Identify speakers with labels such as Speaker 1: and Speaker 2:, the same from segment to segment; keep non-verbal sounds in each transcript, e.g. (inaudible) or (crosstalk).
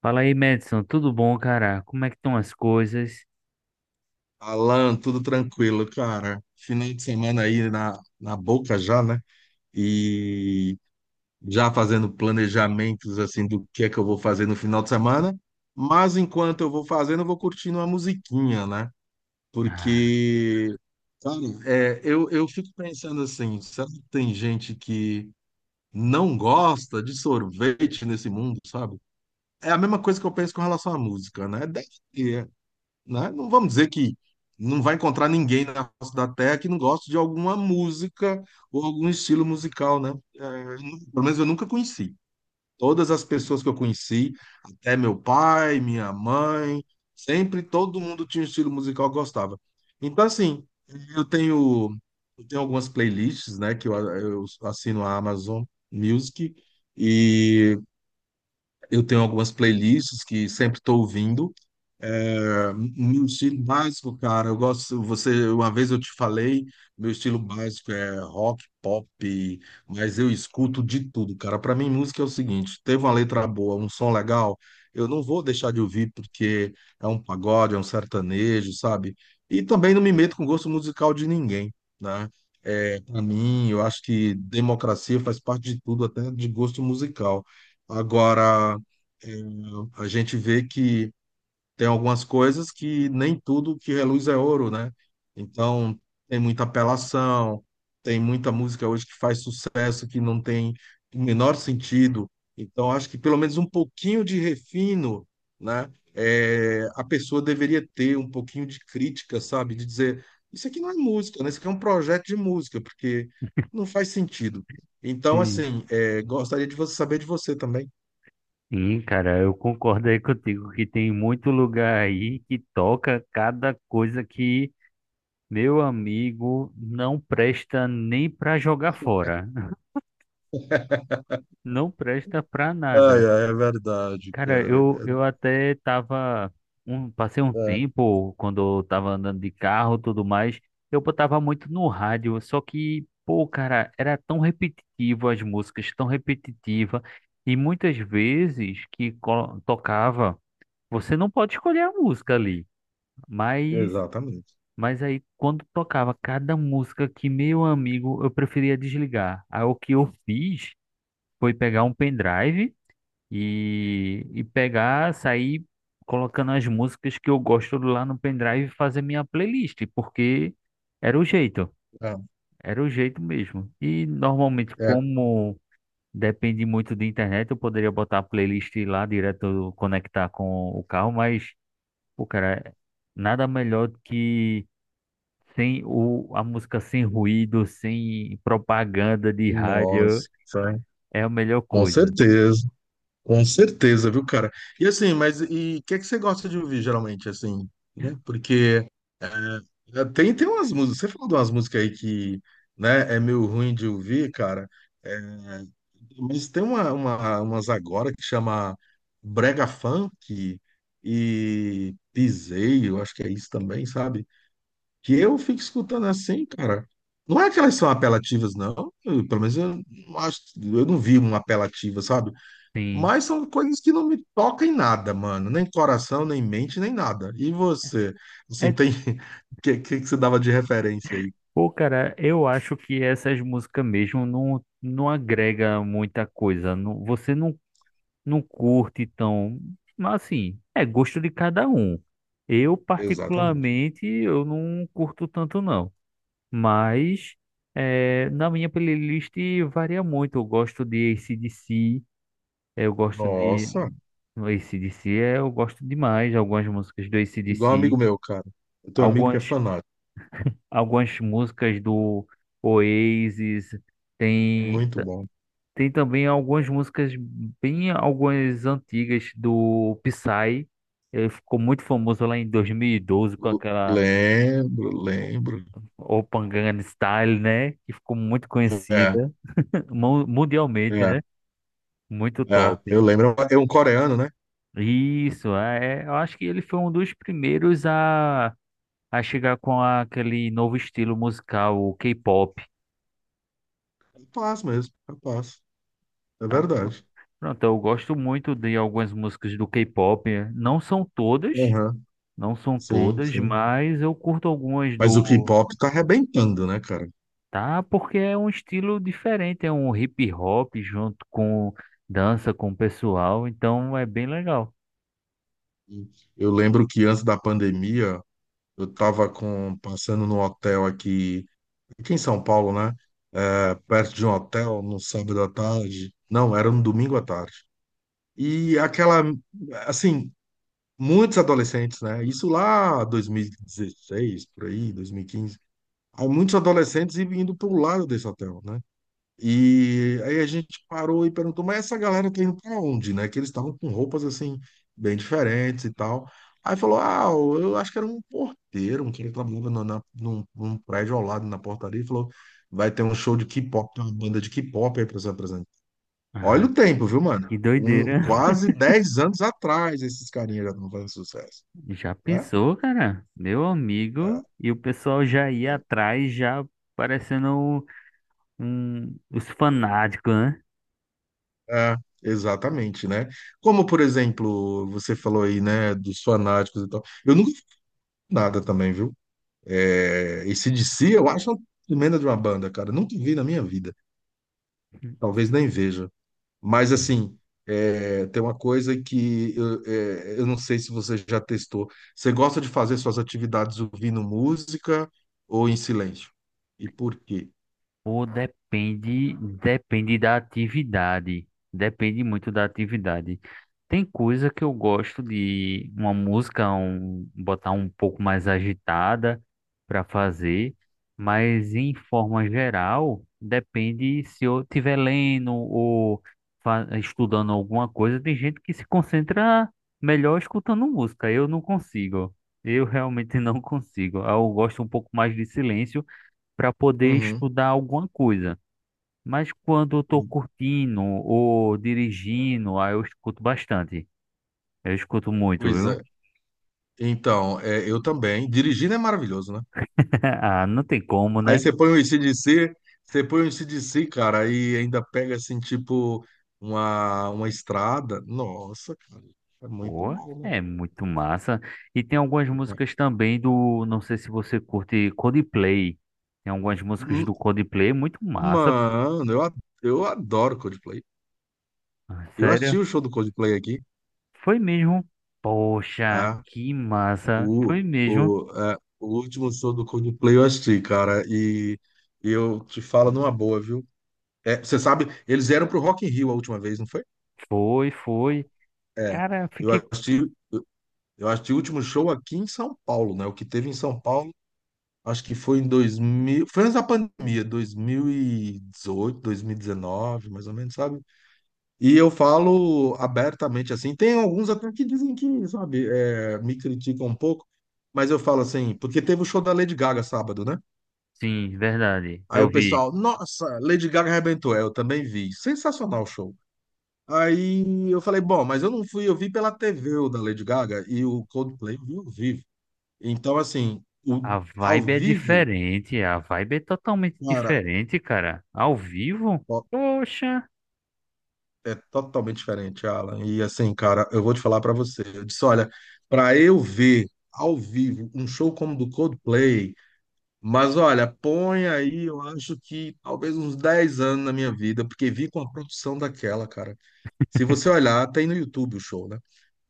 Speaker 1: Fala aí, Madison, tudo bom, cara? Como é que estão as coisas?
Speaker 2: Alan, tudo tranquilo, cara. Final de semana aí na boca já, né? E já fazendo planejamentos assim do que é que eu vou fazer no final de semana. Mas enquanto eu vou fazendo, eu vou curtindo uma musiquinha, né?
Speaker 1: Ah,
Speaker 2: Porque, cara, eu fico pensando assim, será que tem gente que não gosta de sorvete nesse mundo, sabe? É a mesma coisa que eu penso com relação à música, né? Deve ter, né? Não vamos dizer que não vai encontrar ninguém na face da Terra que não goste de alguma música ou algum estilo musical, né? Pelo menos eu nunca conheci. Todas as pessoas que eu conheci, até meu pai, minha mãe, sempre todo mundo tinha um estilo musical que gostava. Então, assim, eu tenho, eu tenho algumas playlists, né, que eu assino a Amazon Music e eu tenho algumas playlists que sempre estou ouvindo. Meu estilo básico, cara, eu gosto. Você, uma vez eu te falei, meu estilo básico é rock, pop, mas eu escuto de tudo, cara. Para mim, música é o seguinte: teve uma letra boa, um som legal, eu não vou deixar de ouvir porque é um pagode, é um sertanejo, sabe? E também não me meto com gosto musical de ninguém, né? Para mim, eu acho que democracia faz parte de tudo, até de gosto musical. Agora, é, a gente vê que tem algumas coisas que nem tudo que reluz é ouro, né? Então, tem muita apelação, tem muita música hoje que faz sucesso que não tem o menor sentido. Então, acho que pelo menos um pouquinho de refino, né? A pessoa deveria ter um pouquinho de crítica, sabe? De dizer, isso aqui não é música, né? Isso aqui é um projeto de música, porque não faz sentido. Então,
Speaker 1: sim,
Speaker 2: assim, gostaria de você saber de você também.
Speaker 1: sim, cara, eu concordo aí contigo que tem muito lugar aí que toca cada coisa que, meu amigo, não presta nem pra jogar fora. (laughs) Não presta pra
Speaker 2: Ai,
Speaker 1: nada.
Speaker 2: ai, é verdade,
Speaker 1: Cara,
Speaker 2: cara.
Speaker 1: eu até tava. Passei um tempo quando eu tava andando de carro e tudo mais. Eu botava muito no rádio, só que, pô, cara, era tão repetitivo as músicas, tão repetitiva. E muitas vezes que tocava, você não pode escolher a música ali. Mas,
Speaker 2: Exatamente.
Speaker 1: mas aí quando tocava cada música que meu amigo, eu preferia desligar. Aí o que eu fiz foi pegar um pendrive. E pegar, sair colocando as músicas que eu gosto lá no pendrive e fazer minha playlist, porque era o jeito,
Speaker 2: É,
Speaker 1: era o jeito mesmo. E normalmente,
Speaker 2: é.
Speaker 1: como depende muito de internet, eu poderia botar a playlist lá direto, conectar com o carro, mas, pô, cara, nada melhor do que sem o, a música sem ruído, sem propaganda de
Speaker 2: Nossa,
Speaker 1: rádio,
Speaker 2: hein?
Speaker 1: é a melhor
Speaker 2: Com
Speaker 1: coisa.
Speaker 2: certeza, com certeza, viu, cara? E assim, mas e o que é que você gosta de ouvir geralmente, assim, né? Porque tem umas músicas, você falou de umas músicas aí que, né, é meio ruim de ouvir, cara, é, mas tem uma, umas agora que chama Brega Funk e Piseiro, acho que é isso também, sabe? Que eu fico escutando assim, cara. Não é que elas são apelativas, não. Pelo menos eu não acho, eu não vi uma apelativa, sabe?
Speaker 1: Sim.
Speaker 2: Mas são coisas que não me tocam em nada, mano. Nem coração, nem mente, nem nada. E você?
Speaker 1: é
Speaker 2: Assim, tem. (laughs) O que você dava de referência aí?
Speaker 1: Pô, cara, eu acho que essas músicas mesmo não agrega muita coisa. Não, você não, não curte tão. Mas assim, é gosto de cada um. Eu,
Speaker 2: Exatamente.
Speaker 1: particularmente, eu não curto tanto, não. Mas é, na minha playlist varia muito. Eu gosto de AC/DC, eu gosto de.
Speaker 2: Nossa,
Speaker 1: No AC/DC é, eu gosto demais. Algumas músicas do
Speaker 2: igual um amigo
Speaker 1: AC/DC,
Speaker 2: meu, cara. Eu tenho um amigo que é
Speaker 1: algumas
Speaker 2: fanático.
Speaker 1: algumas músicas do Oasis, tem,
Speaker 2: Muito bom.
Speaker 1: tem também algumas músicas bem algumas antigas do Psy. Ele ficou muito famoso lá em 2012 com aquela
Speaker 2: Lembro, lembro.
Speaker 1: Open Gangnam Style, né? Que ficou muito
Speaker 2: É,
Speaker 1: conhecida (laughs) mundialmente,
Speaker 2: é,
Speaker 1: né? Muito
Speaker 2: é.
Speaker 1: top.
Speaker 2: Eu lembro. É um coreano, né?
Speaker 1: Isso, é, é, eu acho que ele foi um dos primeiros a chegar com aquele novo estilo musical, o K-pop.
Speaker 2: Rapaz mesmo, rapaz. É
Speaker 1: Tá?
Speaker 2: verdade.
Speaker 1: Pronto, eu gosto muito de algumas músicas do K-pop. Não são todas,
Speaker 2: Aham,
Speaker 1: não são
Speaker 2: sim,
Speaker 1: todas,
Speaker 2: sim.
Speaker 1: mas eu curto algumas
Speaker 2: Mas o
Speaker 1: do.
Speaker 2: K-pop tá arrebentando, né, cara?
Speaker 1: Tá, porque é um estilo diferente, é um hip hop junto com dança com o pessoal, então é bem legal.
Speaker 2: Eu lembro que antes da pandemia, eu tava passando num hotel aqui em São Paulo, né? Perto de um hotel, no sábado à tarde. Não, era no domingo à tarde. E aquela, assim, muitos adolescentes, né? Isso lá 2016, por aí, 2015. Há muitos adolescentes indo pro lado desse hotel, né? E aí a gente parou e perguntou, mas essa galera tá indo pra onde, né? Que eles estavam com roupas assim, bem diferentes e tal. Aí falou, ah, eu acho que era um porteiro, um cara que trabalhava num prédio ao lado, na portaria, e falou, vai ter um show de K-pop, tem uma banda de K-pop aí pra você apresentar.
Speaker 1: Ah,
Speaker 2: Olha o tempo, viu, mano?
Speaker 1: que doideira.
Speaker 2: Quase 10 anos atrás esses carinhas já estão fazendo sucesso,
Speaker 1: (laughs) Já
Speaker 2: né?
Speaker 1: pensou, cara? Meu amigo,
Speaker 2: É,
Speaker 1: e o pessoal já ia atrás, já parecendo um, os fanáticos, né?
Speaker 2: é, exatamente, né? Como, por exemplo, você falou aí, né, dos fanáticos e tal. Eu nunca fiz nada também, viu? AC/DC, eu acho uma tremenda de uma banda, cara. Nunca vi na minha vida. Talvez nem veja. Mas, assim, tem uma coisa que eu não sei se você já testou. Você gosta de fazer suas atividades ouvindo música ou em silêncio? E por quê?
Speaker 1: Ou depende da atividade. Depende muito da atividade. Tem coisa que eu gosto de uma música, botar um pouco mais agitada para fazer, mas em forma geral, depende se eu estiver lendo ou estudando alguma coisa. Tem gente que se concentra melhor escutando música. Eu não consigo. Eu realmente (laughs) não consigo. Eu gosto um pouco mais de silêncio para poder
Speaker 2: Uhum.
Speaker 1: estudar alguma coisa. Mas quando eu tô curtindo ou dirigindo, aí eu escuto bastante. Eu escuto muito,
Speaker 2: Pois é.
Speaker 1: viu?
Speaker 2: Então, eu também. Dirigindo é maravilhoso, né?
Speaker 1: (laughs) Ah, não tem como,
Speaker 2: Aí
Speaker 1: né?
Speaker 2: você põe um ac Você põe um ac, cara, aí ainda pega assim, tipo, uma estrada. Nossa, cara, é muito
Speaker 1: Pô,
Speaker 2: bom, né?
Speaker 1: é muito massa. E tem algumas músicas também do, não sei se você curte Coldplay. Tem algumas músicas
Speaker 2: Hum,
Speaker 1: do Coldplay muito massa.
Speaker 2: Mano, eu adoro Coldplay. Eu assisti
Speaker 1: Sério?
Speaker 2: o show do Coldplay aqui,
Speaker 1: Foi mesmo. Poxa,
Speaker 2: tá?
Speaker 1: que massa.
Speaker 2: O,
Speaker 1: Foi mesmo.
Speaker 2: o último show do Coldplay eu assisti, cara, e eu te falo numa boa, viu? Você sabe, eles vieram pro Rock in Rio a última vez, não foi?
Speaker 1: Foi, foi.
Speaker 2: É,
Speaker 1: Cara,
Speaker 2: eu
Speaker 1: fiquei.
Speaker 2: assisti, eu assisti o último show aqui em São Paulo, né? O que teve em São Paulo. Acho que foi em 2000, foi antes da pandemia, 2018, 2019, mais ou menos, sabe? E eu falo abertamente assim. Tem alguns até que dizem que, sabe, me criticam um pouco, mas eu falo assim, porque teve o show da Lady Gaga sábado, né?
Speaker 1: Sim, verdade.
Speaker 2: Aí
Speaker 1: Eu
Speaker 2: o
Speaker 1: vi.
Speaker 2: pessoal, nossa, Lady Gaga arrebentou. Eu também vi. Sensacional o show. Aí eu falei, bom, mas eu não fui, eu vi pela TV o da Lady Gaga e o Coldplay eu vi ao vivo. Então, assim,
Speaker 1: A
Speaker 2: ao
Speaker 1: vibe é
Speaker 2: vivo,
Speaker 1: diferente, a vibe é totalmente
Speaker 2: cara.
Speaker 1: diferente, cara. Ao vivo? Poxa.
Speaker 2: É totalmente diferente, Alan. E assim, cara, eu vou te falar pra você. Eu disse, olha, pra eu ver ao vivo um show como o do Coldplay, mas olha, põe aí, eu acho que talvez uns 10 anos na minha vida, porque vi com a produção daquela, cara. Se você olhar, tem no YouTube o show, né?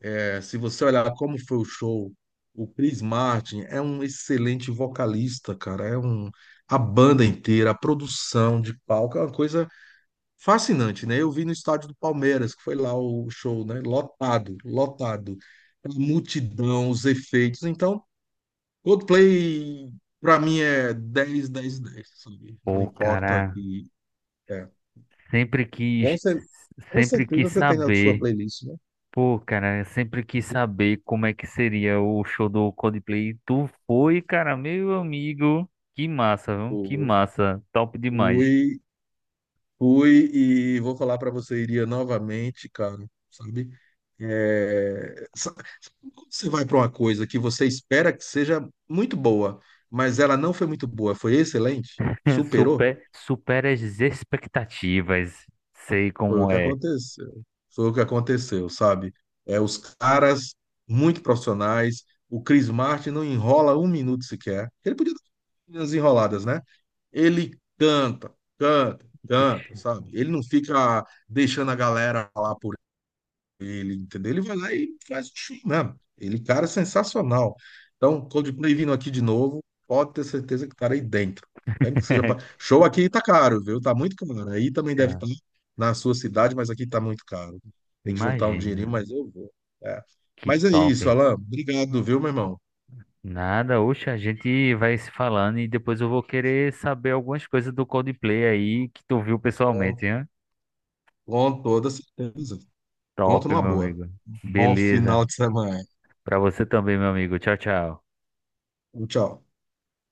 Speaker 2: Se você olhar como foi o show, o Chris Martin é um excelente vocalista, cara. A banda inteira, a produção de palco, é uma coisa fascinante, né? Eu vi no estádio do Palmeiras, que foi lá o show, né? Lotado, lotado. A multidão, os efeitos. Então, Coldplay, para mim, é 10, 10, dez, sabe? Não
Speaker 1: Pô,
Speaker 2: importa
Speaker 1: cara,
Speaker 2: que. É.
Speaker 1: sempre
Speaker 2: Com,
Speaker 1: quis,
Speaker 2: cer- com
Speaker 1: sempre quis
Speaker 2: certeza você tem na sua
Speaker 1: saber.
Speaker 2: playlist, né?
Speaker 1: Pô, cara, eu sempre quis saber como é que seria o show do Coldplay. Tu foi, cara, meu amigo. Que massa, viu? Que
Speaker 2: O,
Speaker 1: massa. Top
Speaker 2: o,
Speaker 1: demais.
Speaker 2: Fui e vou falar para você, iria novamente, cara, sabe? Sabe quando você vai para uma coisa que você espera que seja muito boa, mas ela não foi muito boa, foi excelente,
Speaker 1: (laughs)
Speaker 2: superou,
Speaker 1: Super, supera as expectativas. Sei
Speaker 2: foi o
Speaker 1: como
Speaker 2: que
Speaker 1: é.
Speaker 2: aconteceu. Foi o que aconteceu, sabe? Os caras muito profissionais, o Chris Martin não enrola um minuto sequer. Ele podia dar umas enroladas, né? Ele canta, canta, canta, sabe? Ele não fica deixando a galera lá por ele, entendeu? Ele vai lá e faz o show mesmo. Ele, cara, é sensacional. Então, Coldplay vindo aqui de novo, pode ter certeza que estarei dentro. Mesmo que seja pra.
Speaker 1: (laughs)
Speaker 2: Show aqui tá caro, viu? Tá muito caro. Aí também deve
Speaker 1: Tá,
Speaker 2: estar na sua cidade, mas aqui tá muito caro. Tem que juntar um
Speaker 1: imagina.
Speaker 2: dinheirinho, mas eu vou. É.
Speaker 1: Que
Speaker 2: Mas é
Speaker 1: top.
Speaker 2: isso, Alan. Obrigado, viu, meu irmão?
Speaker 1: Nada, oxe, a gente vai se falando e depois eu vou querer saber algumas coisas do Coldplay aí que tu viu
Speaker 2: Com,
Speaker 1: pessoalmente, hein?
Speaker 2: com toda certeza.
Speaker 1: Top,
Speaker 2: Conto numa
Speaker 1: meu
Speaker 2: boa.
Speaker 1: amigo.
Speaker 2: Bom
Speaker 1: Beleza.
Speaker 2: final de semana.
Speaker 1: Pra você também, meu amigo. Tchau, tchau.
Speaker 2: Tchau.